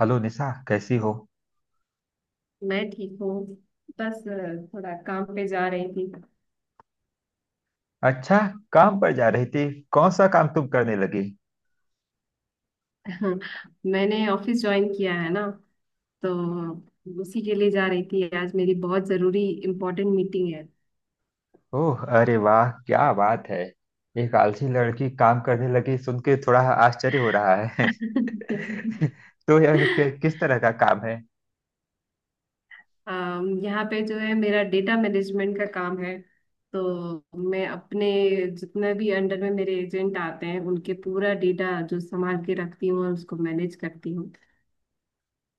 Hello Nisha, कैसी हो। मैं ठीक हूँ। बस थोड़ा काम पे जा रही थी। अच्छा, काम पर जा रही थी। कौन सा काम तुम करने लगी। मैंने ऑफिस ज्वाइन किया है ना, तो उसी के लिए जा रही थी। आज मेरी बहुत जरूरी इम्पोर्टेंट मीटिंग है। ओह, अरे वाह, क्या बात है। एक आलसी लड़की काम करने लगी, सुन के थोड़ा आश्चर्य हो रहा है। तो किस तरह का काम है। यहाँ पे जो है मेरा डेटा मैनेजमेंट का काम है। तो मैं अपने जितने भी अंडर में मेरे एजेंट आते हैं उनके पूरा डेटा जो संभाल के रखती हूँ और उसको मैनेज करती हूँ।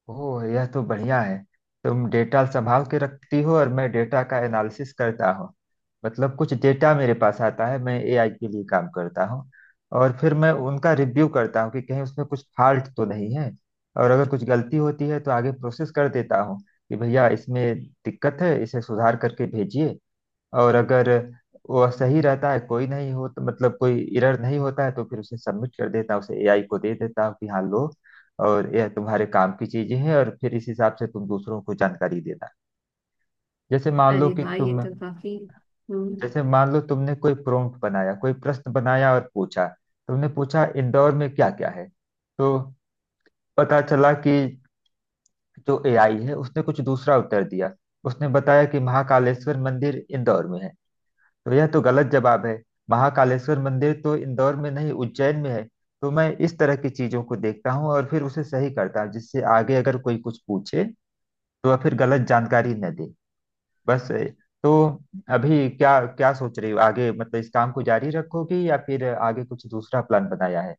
ओह, यह तो बढ़िया है। तुम डेटा संभाल के रखती हो और मैं डेटा का एनालिसिस करता हूँ। मतलब कुछ डेटा मेरे पास आता है, मैं एआई के लिए काम करता हूँ। और फिर मैं उनका रिव्यू करता हूँ कि कहीं उसमें कुछ फॉल्ट तो नहीं है। और अगर कुछ गलती होती है तो आगे प्रोसेस कर देता हूँ कि भैया इसमें दिक्कत है, इसे सुधार करके भेजिए। और अगर वह सही रहता है, कोई नहीं हो, तो मतलब कोई एरर नहीं होता है तो फिर उसे सबमिट कर देता हूँ, उसे एआई को दे देता हूँ कि हाँ लो। और यह तुम्हारे काम की चीजें हैं, और फिर इस हिसाब से तुम दूसरों को जानकारी देना। जैसे मान लो अरे कि वाह, ये तुम, तो काफी। हम्म। जैसे मान लो तुमने कोई प्रॉम्प्ट बनाया, कोई प्रश्न बनाया और पूछा। तुमने पूछा इंदौर में क्या क्या है। तो पता चला कि जो एआई है उसने कुछ दूसरा उत्तर दिया। उसने बताया कि महाकालेश्वर मंदिर इंदौर में है। तो यह तो गलत जवाब है। महाकालेश्वर मंदिर तो इंदौर में नहीं, उज्जैन में है। तो मैं इस तरह की चीजों को देखता हूँ और फिर उसे सही करता हूँ, जिससे आगे अगर कोई कुछ पूछे तो वह फिर गलत जानकारी न दे। बस ए, तो अभी क्या क्या सोच रही हो आगे, मतलब इस काम को जारी रखोगी या फिर आगे कुछ दूसरा प्लान बनाया है।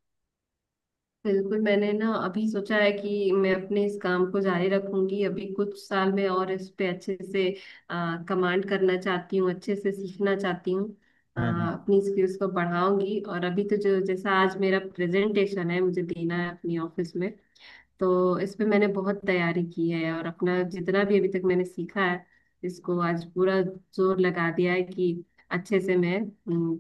बिल्कुल, मैंने ना अभी सोचा है कि मैं अपने इस काम को जारी रखूंगी अभी कुछ साल में, और इस पे अच्छे से कमांड करना चाहती हूँ, अच्छे से सीखना चाहती हूँ। हम्म, हम्म। अपनी स्किल्स को बढ़ाऊंगी। और अभी तो जो जैसा आज मेरा प्रेजेंटेशन है मुझे देना है अपनी ऑफिस में। तो इस पे मैंने बहुत तैयारी की है और अपना जितना भी अभी तक मैंने सीखा है इसको आज पूरा जोर लगा दिया है कि अच्छे से मैं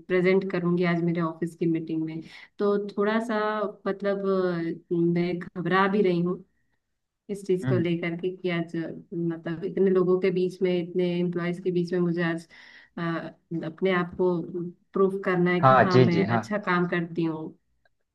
प्रेजेंट करूंगी आज मेरे ऑफिस की मीटिंग में। तो थोड़ा सा मतलब मैं घबरा भी रही हूँ इस चीज को हम्म। लेकर के कि आज मतलब इतने लोगों के बीच में इतने एम्प्लॉयज के बीच में मुझे आज अ, अपने आप को प्रूफ करना है कि हाँ, हाँ जी जी मैं हाँ। अच्छा काम करती हूँ।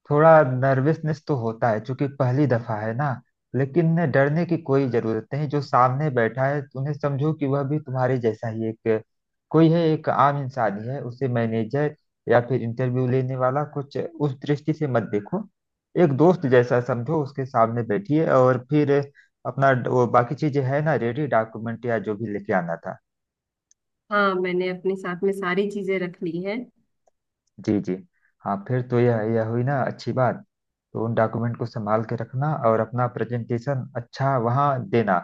थोड़ा नर्वसनेस तो होता है क्योंकि पहली दफा है ना। लेकिन डरने की कोई जरूरत नहीं, जो सामने बैठा है उन्हें समझो कि वह भी तुम्हारे जैसा ही एक कोई है, एक आम इंसान ही है। उसे मैनेजर या फिर इंटरव्यू लेने वाला कुछ उस दृष्टि से मत देखो। एक दोस्त जैसा समझो, उसके सामने बैठिए और फिर अपना वो बाकी चीजें है ना, रेडी डॉक्यूमेंट या जो भी लेके आना था। हाँ मैंने अपने साथ में सारी चीजें रख ली हैं। जी जी। हाँ, फिर तो यह हुई ना अच्छी बात। तो उन डॉक्यूमेंट को संभाल के रखना और अपना प्रेजेंटेशन अच्छा वहाँ देना।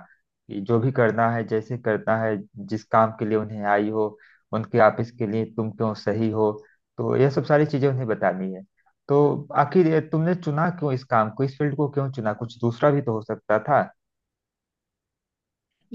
कि जो भी करना है जैसे करना है, जिस काम के लिए उन्हें आई हो, उनके ऑफिस के लिए तुम क्यों सही हो, तो यह सब सारी चीजें उन्हें बतानी है। तो आखिर ये तुमने चुना क्यों, इस काम को इस फील्ड को क्यों चुना, कुछ दूसरा भी तो हो सकता था।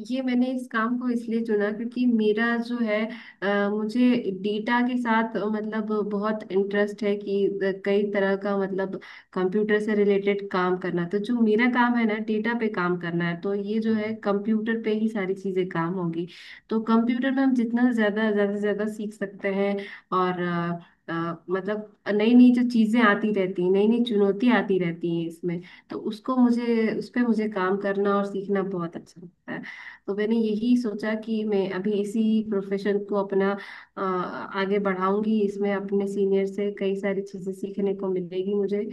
ये मैंने इस काम को इसलिए चुना क्योंकि मेरा जो है मुझे डेटा के साथ मतलब बहुत इंटरेस्ट है कि कई तरह का मतलब कंप्यूटर से रिलेटेड काम करना। तो जो मेरा काम है ना डेटा पे काम करना है, तो ये जो है कंप्यूटर पे ही सारी चीजें काम होगी। तो कंप्यूटर में हम जितना ज्यादा ज्यादा से ज्यादा सीख सकते हैं। और मतलब नई नई जो चीजें आती रहती हैं, नई नई चुनौतियां आती रहती हैं इसमें। तो उसको मुझे उस पे मुझे काम करना और सीखना बहुत अच्छा लगता है। तो मैंने यही सोचा कि मैं अभी इसी प्रोफेशन को अपना आगे बढ़ाऊंगी। इसमें अपने सीनियर से कई सारी चीजें सीखने को मिलेगी मुझे।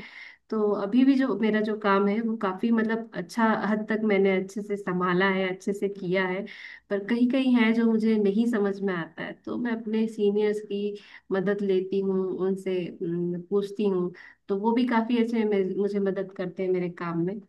तो अभी भी जो मेरा जो काम है वो काफी मतलब अच्छा हद तक मैंने अच्छे से संभाला है, अच्छे से किया है। पर कहीं कहीं है जो मुझे नहीं समझ में आता है तो मैं अपने सीनियर्स की मदद लेती हूँ उनसे, पूछती हूँ। तो वो भी काफी अच्छे मुझे मदद करते हैं मेरे काम में।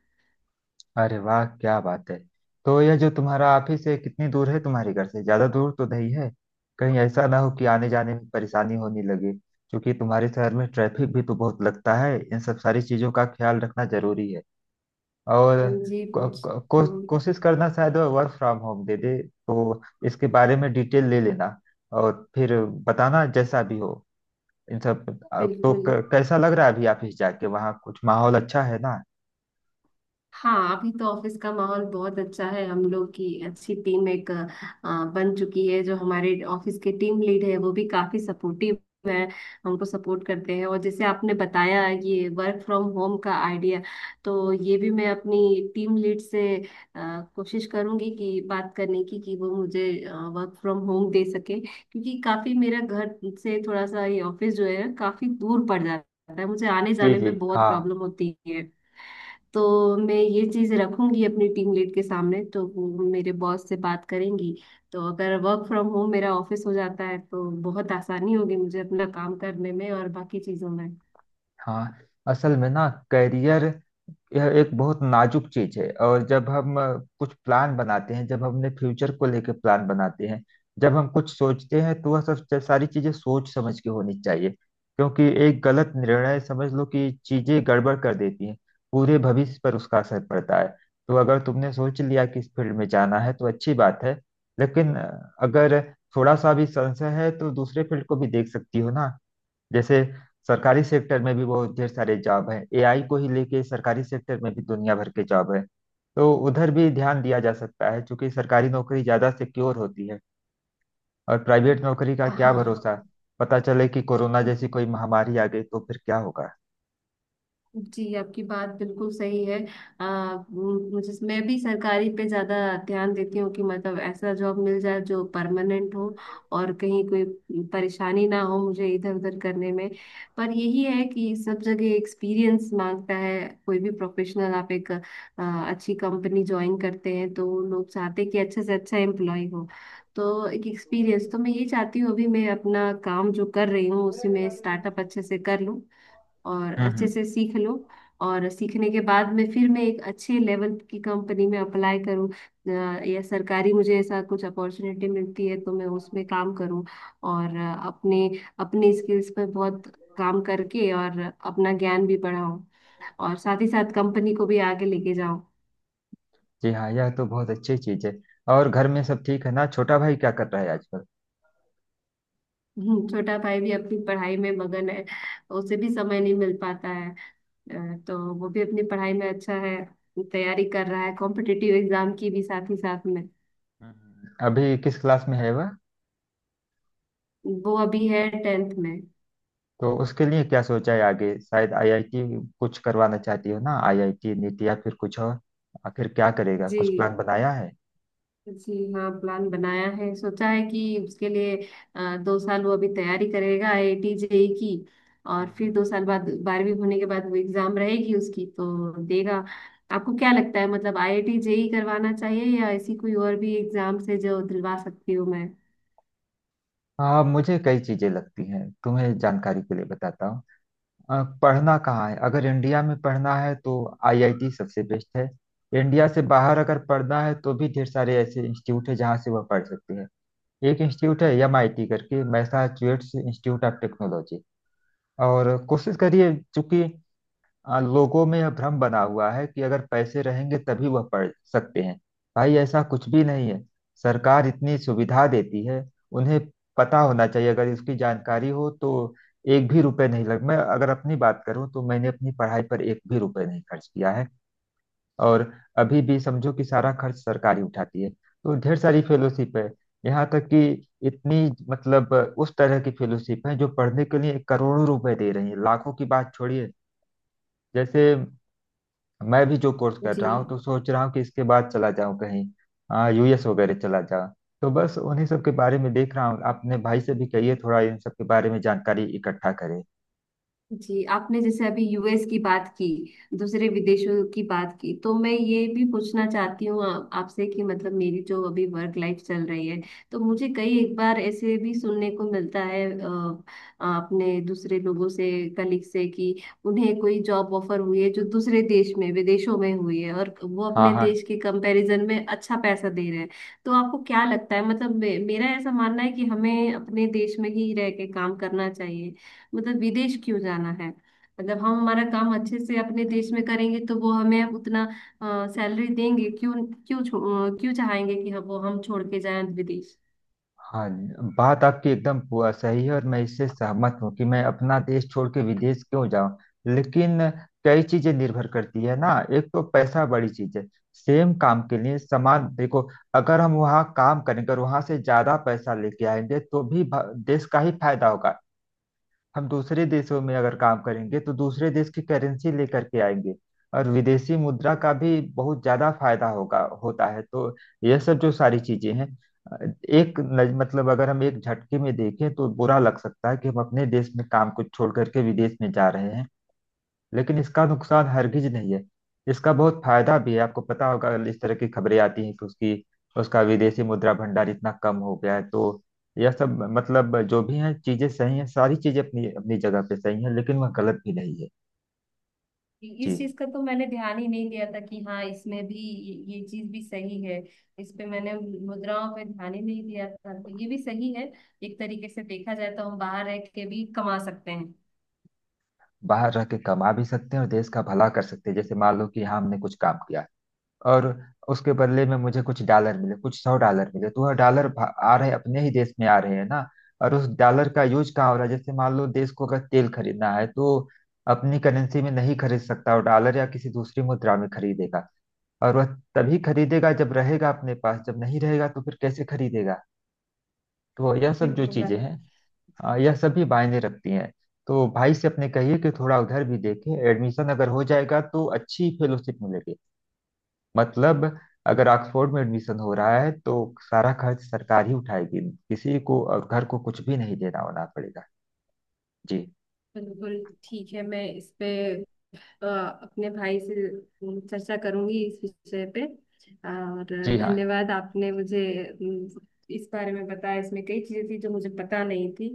अरे वाह, क्या बात है। तो यह जो तुम्हारा ऑफिस है कितनी दूर है, तुम्हारे घर से ज्यादा दूर तो नहीं है। कहीं ऐसा ना हो कि आने जाने में परेशानी होने लगे, क्योंकि तुम्हारे शहर में ट्रैफिक भी तो बहुत लगता है। इन सब सारी चीजों का ख्याल रखना जरूरी है। हाँ और जी, पूछ। हम्म। कोशिश करना, शायद वर्क फ्रॉम होम दे दे तो इसके बारे में डिटेल ले लेना। और फिर बताना जैसा भी हो इन सब। तो बिल्कुल। कैसा लग रहा है अभी ऑफिस जाके, वहाँ कुछ माहौल अच्छा है ना। हाँ अभी तो ऑफिस का माहौल बहुत अच्छा है, हम लोग की अच्छी टीम एक बन चुकी है। जो हमारे ऑफिस के टीम लीड है वो भी काफी सपोर्टिव है, हमको सपोर्ट करते हैं। और जैसे आपने बताया ये वर्क फ्रॉम होम का आइडिया, तो ये भी मैं अपनी टीम लीड से कोशिश करूंगी कि बात करने की कि वो मुझे वर्क फ्रॉम होम दे सके, क्योंकि काफी मेरा घर से थोड़ा सा ये ऑफिस जो है काफी दूर पड़ जाता है, मुझे आने जी जाने जी में बहुत हाँ। प्रॉब्लम होती है। तो मैं ये चीज रखूंगी अपनी टीम लीड के सामने, तो वो मेरे बॉस से बात करेंगी। तो अगर वर्क फ्रॉम होम मेरा ऑफिस हो जाता है तो बहुत आसानी होगी मुझे अपना काम करने में और बाकी चीजों में। हाँ, असल में ना करियर, यह एक बहुत नाजुक चीज है। और जब हम कुछ प्लान बनाते हैं, जब हमने फ्यूचर को लेकर प्लान बनाते हैं, जब हम कुछ सोचते हैं, तो वह सब सब सारी चीजें सोच समझ के होनी चाहिए, क्योंकि एक गलत निर्णय समझ लो कि चीजें गड़बड़ कर देती हैं। पूरे भविष्य पर उसका असर पड़ता है। तो अगर तुमने सोच लिया कि इस फील्ड में जाना है तो अच्छी बात है। लेकिन अगर थोड़ा सा भी संशय है तो दूसरे फील्ड को भी देख सकती हो ना। जैसे सरकारी सेक्टर में भी बहुत ढेर सारे जॉब हैं। एआई को ही लेके सरकारी सेक्टर में भी दुनिया भर के जॉब है। तो उधर भी ध्यान दिया जा सकता है, क्योंकि सरकारी नौकरी ज्यादा सिक्योर होती है। और प्राइवेट नौकरी का क्या हाँ भरोसा। पता चले कि कोरोना जैसी कोई महामारी आ गई तो फिर क्या होगा। जी, आपकी बात बिल्कुल सही है। मुझे मैं भी सरकारी पे ज़्यादा ध्यान देती हूँ कि मतलब ऐसा जॉब मिल जाए जो परमानेंट हो, और कहीं कोई परेशानी ना हो मुझे इधर उधर करने में। पर यही है कि सब जगह एक्सपीरियंस मांगता है। कोई भी प्रोफेशनल आप एक अच्छी कंपनी ज्वाइन करते हैं तो लोग चाहते हैं कि अच्छे से अच्छा एम्प्लॉय हो। तो एक एक्सपीरियंस तो मैं ये चाहती हूँ, अभी मैं अपना काम जो कर रही हूँ उसी में स्टार्टअप अच्छे से कर लूँ और हम्म, अच्छे से सीख लो। और सीखने के बाद में फिर मैं एक अच्छे लेवल की कंपनी में अप्लाई करूँ, या सरकारी मुझे ऐसा कुछ अपॉर्चुनिटी मिलती है तो मैं उसमें काम करूँ। और अपने अपने स्किल्स पर बहुत काम करके और अपना ज्ञान भी बढ़ाऊँ, और साथ ही साथ कंपनी को भी आगे लेके जाऊँ। जी हाँ, यह तो बहुत अच्छी चीज है। और घर में सब ठीक है ना, छोटा भाई क्या कर रहा है आजकल। छोटा भाई भी अपनी पढ़ाई में मगन है। उसे भी समय नहीं मिल पाता है। तो वो भी अपनी पढ़ाई में अच्छा है। तैयारी कर रहा है कॉम्पिटिटिव एग्जाम की भी साथ ही साथ में। हम्म। अभी किस क्लास में है वह। वो अभी है टेंथ में। तो उसके लिए क्या सोचा है आगे, शायद आईआईटी कुछ करवाना चाहती हो ना, आईआईटी नीट या फिर कुछ और। आखिर क्या करेगा, जी कुछ प्लान बनाया है। जी हाँ, प्लान बनाया है, सोचा है कि उसके लिए दो साल वो अभी तैयारी करेगा आईआईटी जेई की, और हम्म। फिर दो साल बाद बारहवीं होने के बाद वो एग्जाम रहेगी उसकी तो देगा। आपको क्या लगता है, मतलब आईआईटी जेई करवाना चाहिए या ऐसी कोई और भी एग्जाम से जो दिलवा सकती हूँ मैं? हाँ, मुझे कई चीजें लगती हैं, तुम्हें जानकारी के लिए बताता हूँ। पढ़ना कहाँ है, अगर इंडिया में पढ़ना है तो आईआईटी सबसे बेस्ट है। इंडिया से बाहर अगर पढ़ना है तो भी ढेर सारे ऐसे इंस्टीट्यूट है जहाँ से वह पढ़ सकते हैं। एक इंस्टीट्यूट है एमआईटी करके, मैसाचुसेट्स इंस्टीट्यूट ऑफ टेक्नोलॉजी। और कोशिश करिए, चूंकि लोगों में यह भ्रम बना हुआ है कि अगर पैसे रहेंगे तभी वह पढ़ सकते हैं। भाई ऐसा कुछ भी नहीं है। सरकार इतनी सुविधा देती है उन्हें, पता होना चाहिए अगर इसकी जानकारी हो तो। एक भी रुपए नहीं लग, मैं अगर अपनी बात करूं तो मैंने अपनी पढ़ाई पर एक भी रुपए नहीं खर्च किया है। और अभी भी समझो कि सारा खर्च सरकार ही उठाती है, तो ढेर सारी फेलोशिप है। यहाँ तक कि इतनी, मतलब उस तरह की फेलोशिप है जो पढ़ने के लिए करोड़ों रुपए दे रही है, लाखों की बात छोड़िए। जैसे मैं भी जो कोर्स कर जी। रहा हूँ, तो सोच रहा हूँ कि इसके बाद चला जाऊँ कहीं। हाँ, यूएस वगैरह चला जाऊँ। तो बस उन्हीं सब के बारे में देख रहा हूँ। अपने भाई से भी कहिए थोड़ा इन सब के बारे में जानकारी इकट्ठा करे। जी, आपने जैसे अभी यूएस की बात की, दूसरे विदेशों की बात की, तो मैं ये भी पूछना चाहती हूँ आपसे कि मतलब मेरी जो अभी वर्क लाइफ चल रही है, तो मुझे कई एक बार ऐसे भी सुनने को मिलता है अपने दूसरे लोगों से, कलीग से, कि उन्हें कोई जॉब ऑफर हुई है जो दूसरे देश में विदेशों में हुई है और वो हाँ अपने हाँ। देश के कंपैरिजन में अच्छा पैसा दे रहे हैं। तो आपको क्या लगता है, मतलब मेरा ऐसा मानना है कि हमें अपने देश में ही रह के काम करना चाहिए। मतलब विदेश क्यों जाना है? मतलब हम हमारा काम अच्छे से अपने देश में करेंगे तो वो हमें उतना सैलरी देंगे क्यों? क्यों क्यों चाहेंगे कि हम वो हम छोड़ के जाएं विदेश? हाँ, बात आपकी एकदम सही है, और मैं इससे सहमत हूँ कि मैं अपना देश छोड़ के विदेश क्यों जाऊँ। लेकिन कई चीजें निर्भर करती है ना, एक तो पैसा बड़ी चीज है। सेम काम के लिए समान देखो, अगर हम वहाँ काम करेंगे और वहाँ से ज्यादा पैसा लेके आएंगे तो भी देश का ही फायदा होगा। हम दूसरे देशों में अगर काम करेंगे तो दूसरे देश की करेंसी लेकर के आएंगे, और विदेशी मुद्रा का भी बहुत ज्यादा फायदा होगा, होता है। तो यह सब जो सारी चीजें हैं, अ, मतलब अगर हम एक झटके में देखें तो बुरा लग सकता है कि हम अपने देश में काम को छोड़ करके विदेश में जा रहे हैं। लेकिन इसका नुकसान हरगिज नहीं है, इसका बहुत फायदा भी है। आपको पता होगा इस तरह की खबरें आती हैं कि उसकी उसका विदेशी मुद्रा भंडार इतना कम हो गया है। तो यह सब मतलब जो भी है, चीजें सही हैं, सारी चीजें अपनी अपनी जगह पे सही हैं, लेकिन वह गलत भी नहीं है। इस जी। चीज का तो मैंने ध्यान ही नहीं दिया था कि हाँ इसमें भी ये चीज भी सही है। इस पे मैंने मुद्राओं पे ध्यान ही नहीं दिया था, तो ये भी सही है। एक तरीके से देखा जाए तो हम बाहर रह के भी कमा सकते हैं। बाहर रह के कमा भी सकते हैं और देश का भला कर सकते हैं। जैसे मान लो कि यहाँ हमने कुछ काम किया और उसके बदले में मुझे कुछ डॉलर मिले, कुछ सौ डॉलर मिले, तो वह डॉलर आ रहे अपने ही देश में आ रहे हैं ना। और उस डॉलर का यूज कहाँ हो रहा है, जैसे मान लो देश को अगर तेल खरीदना है तो अपनी करेंसी में नहीं खरीद सकता, वो डॉलर या किसी दूसरी मुद्रा में खरीदेगा। और वह तभी खरीदेगा जब रहेगा अपने पास, जब नहीं रहेगा तो फिर कैसे खरीदेगा। तो यह सब जो बिल्कुल। चीजें हैं, यह सब भी मायने रखती हैं। तो भाई से अपने कहिए कि थोड़ा उधर भी देखे, एडमिशन अगर हो जाएगा तो अच्छी फेलोशिप मिलेगी। मतलब अगर ऑक्सफोर्ड में एडमिशन हो रहा है तो सारा खर्च सरकार ही उठाएगी, किसी को और घर को कुछ भी नहीं देना होना पड़ेगा। जी बिल्कुल, ठीक है। मैं इस पे अ, अपने भाई से चर्चा करूंगी इस विषय पे। और जी हाँ। धन्यवाद, आपने मुझे इस बारे में बताया, इसमें कई चीजें थी जो मुझे पता नहीं थी।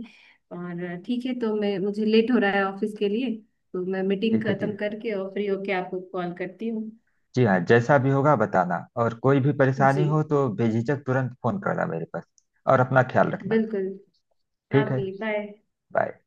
और ठीक है, तो मैं मुझे लेट हो रहा है ऑफिस के लिए। तो मैं मीटिंग ठीक है जी। खत्म करके और फ्री होके आपको कॉल करती हूँ। जी हाँ, जैसा भी होगा बताना, और कोई भी परेशानी जी। हो तो बेझिझक तुरंत फोन करना मेरे पास। और अपना ख्याल रखना। बिल्कुल। आप ठीक है। भी, बाय। बाय।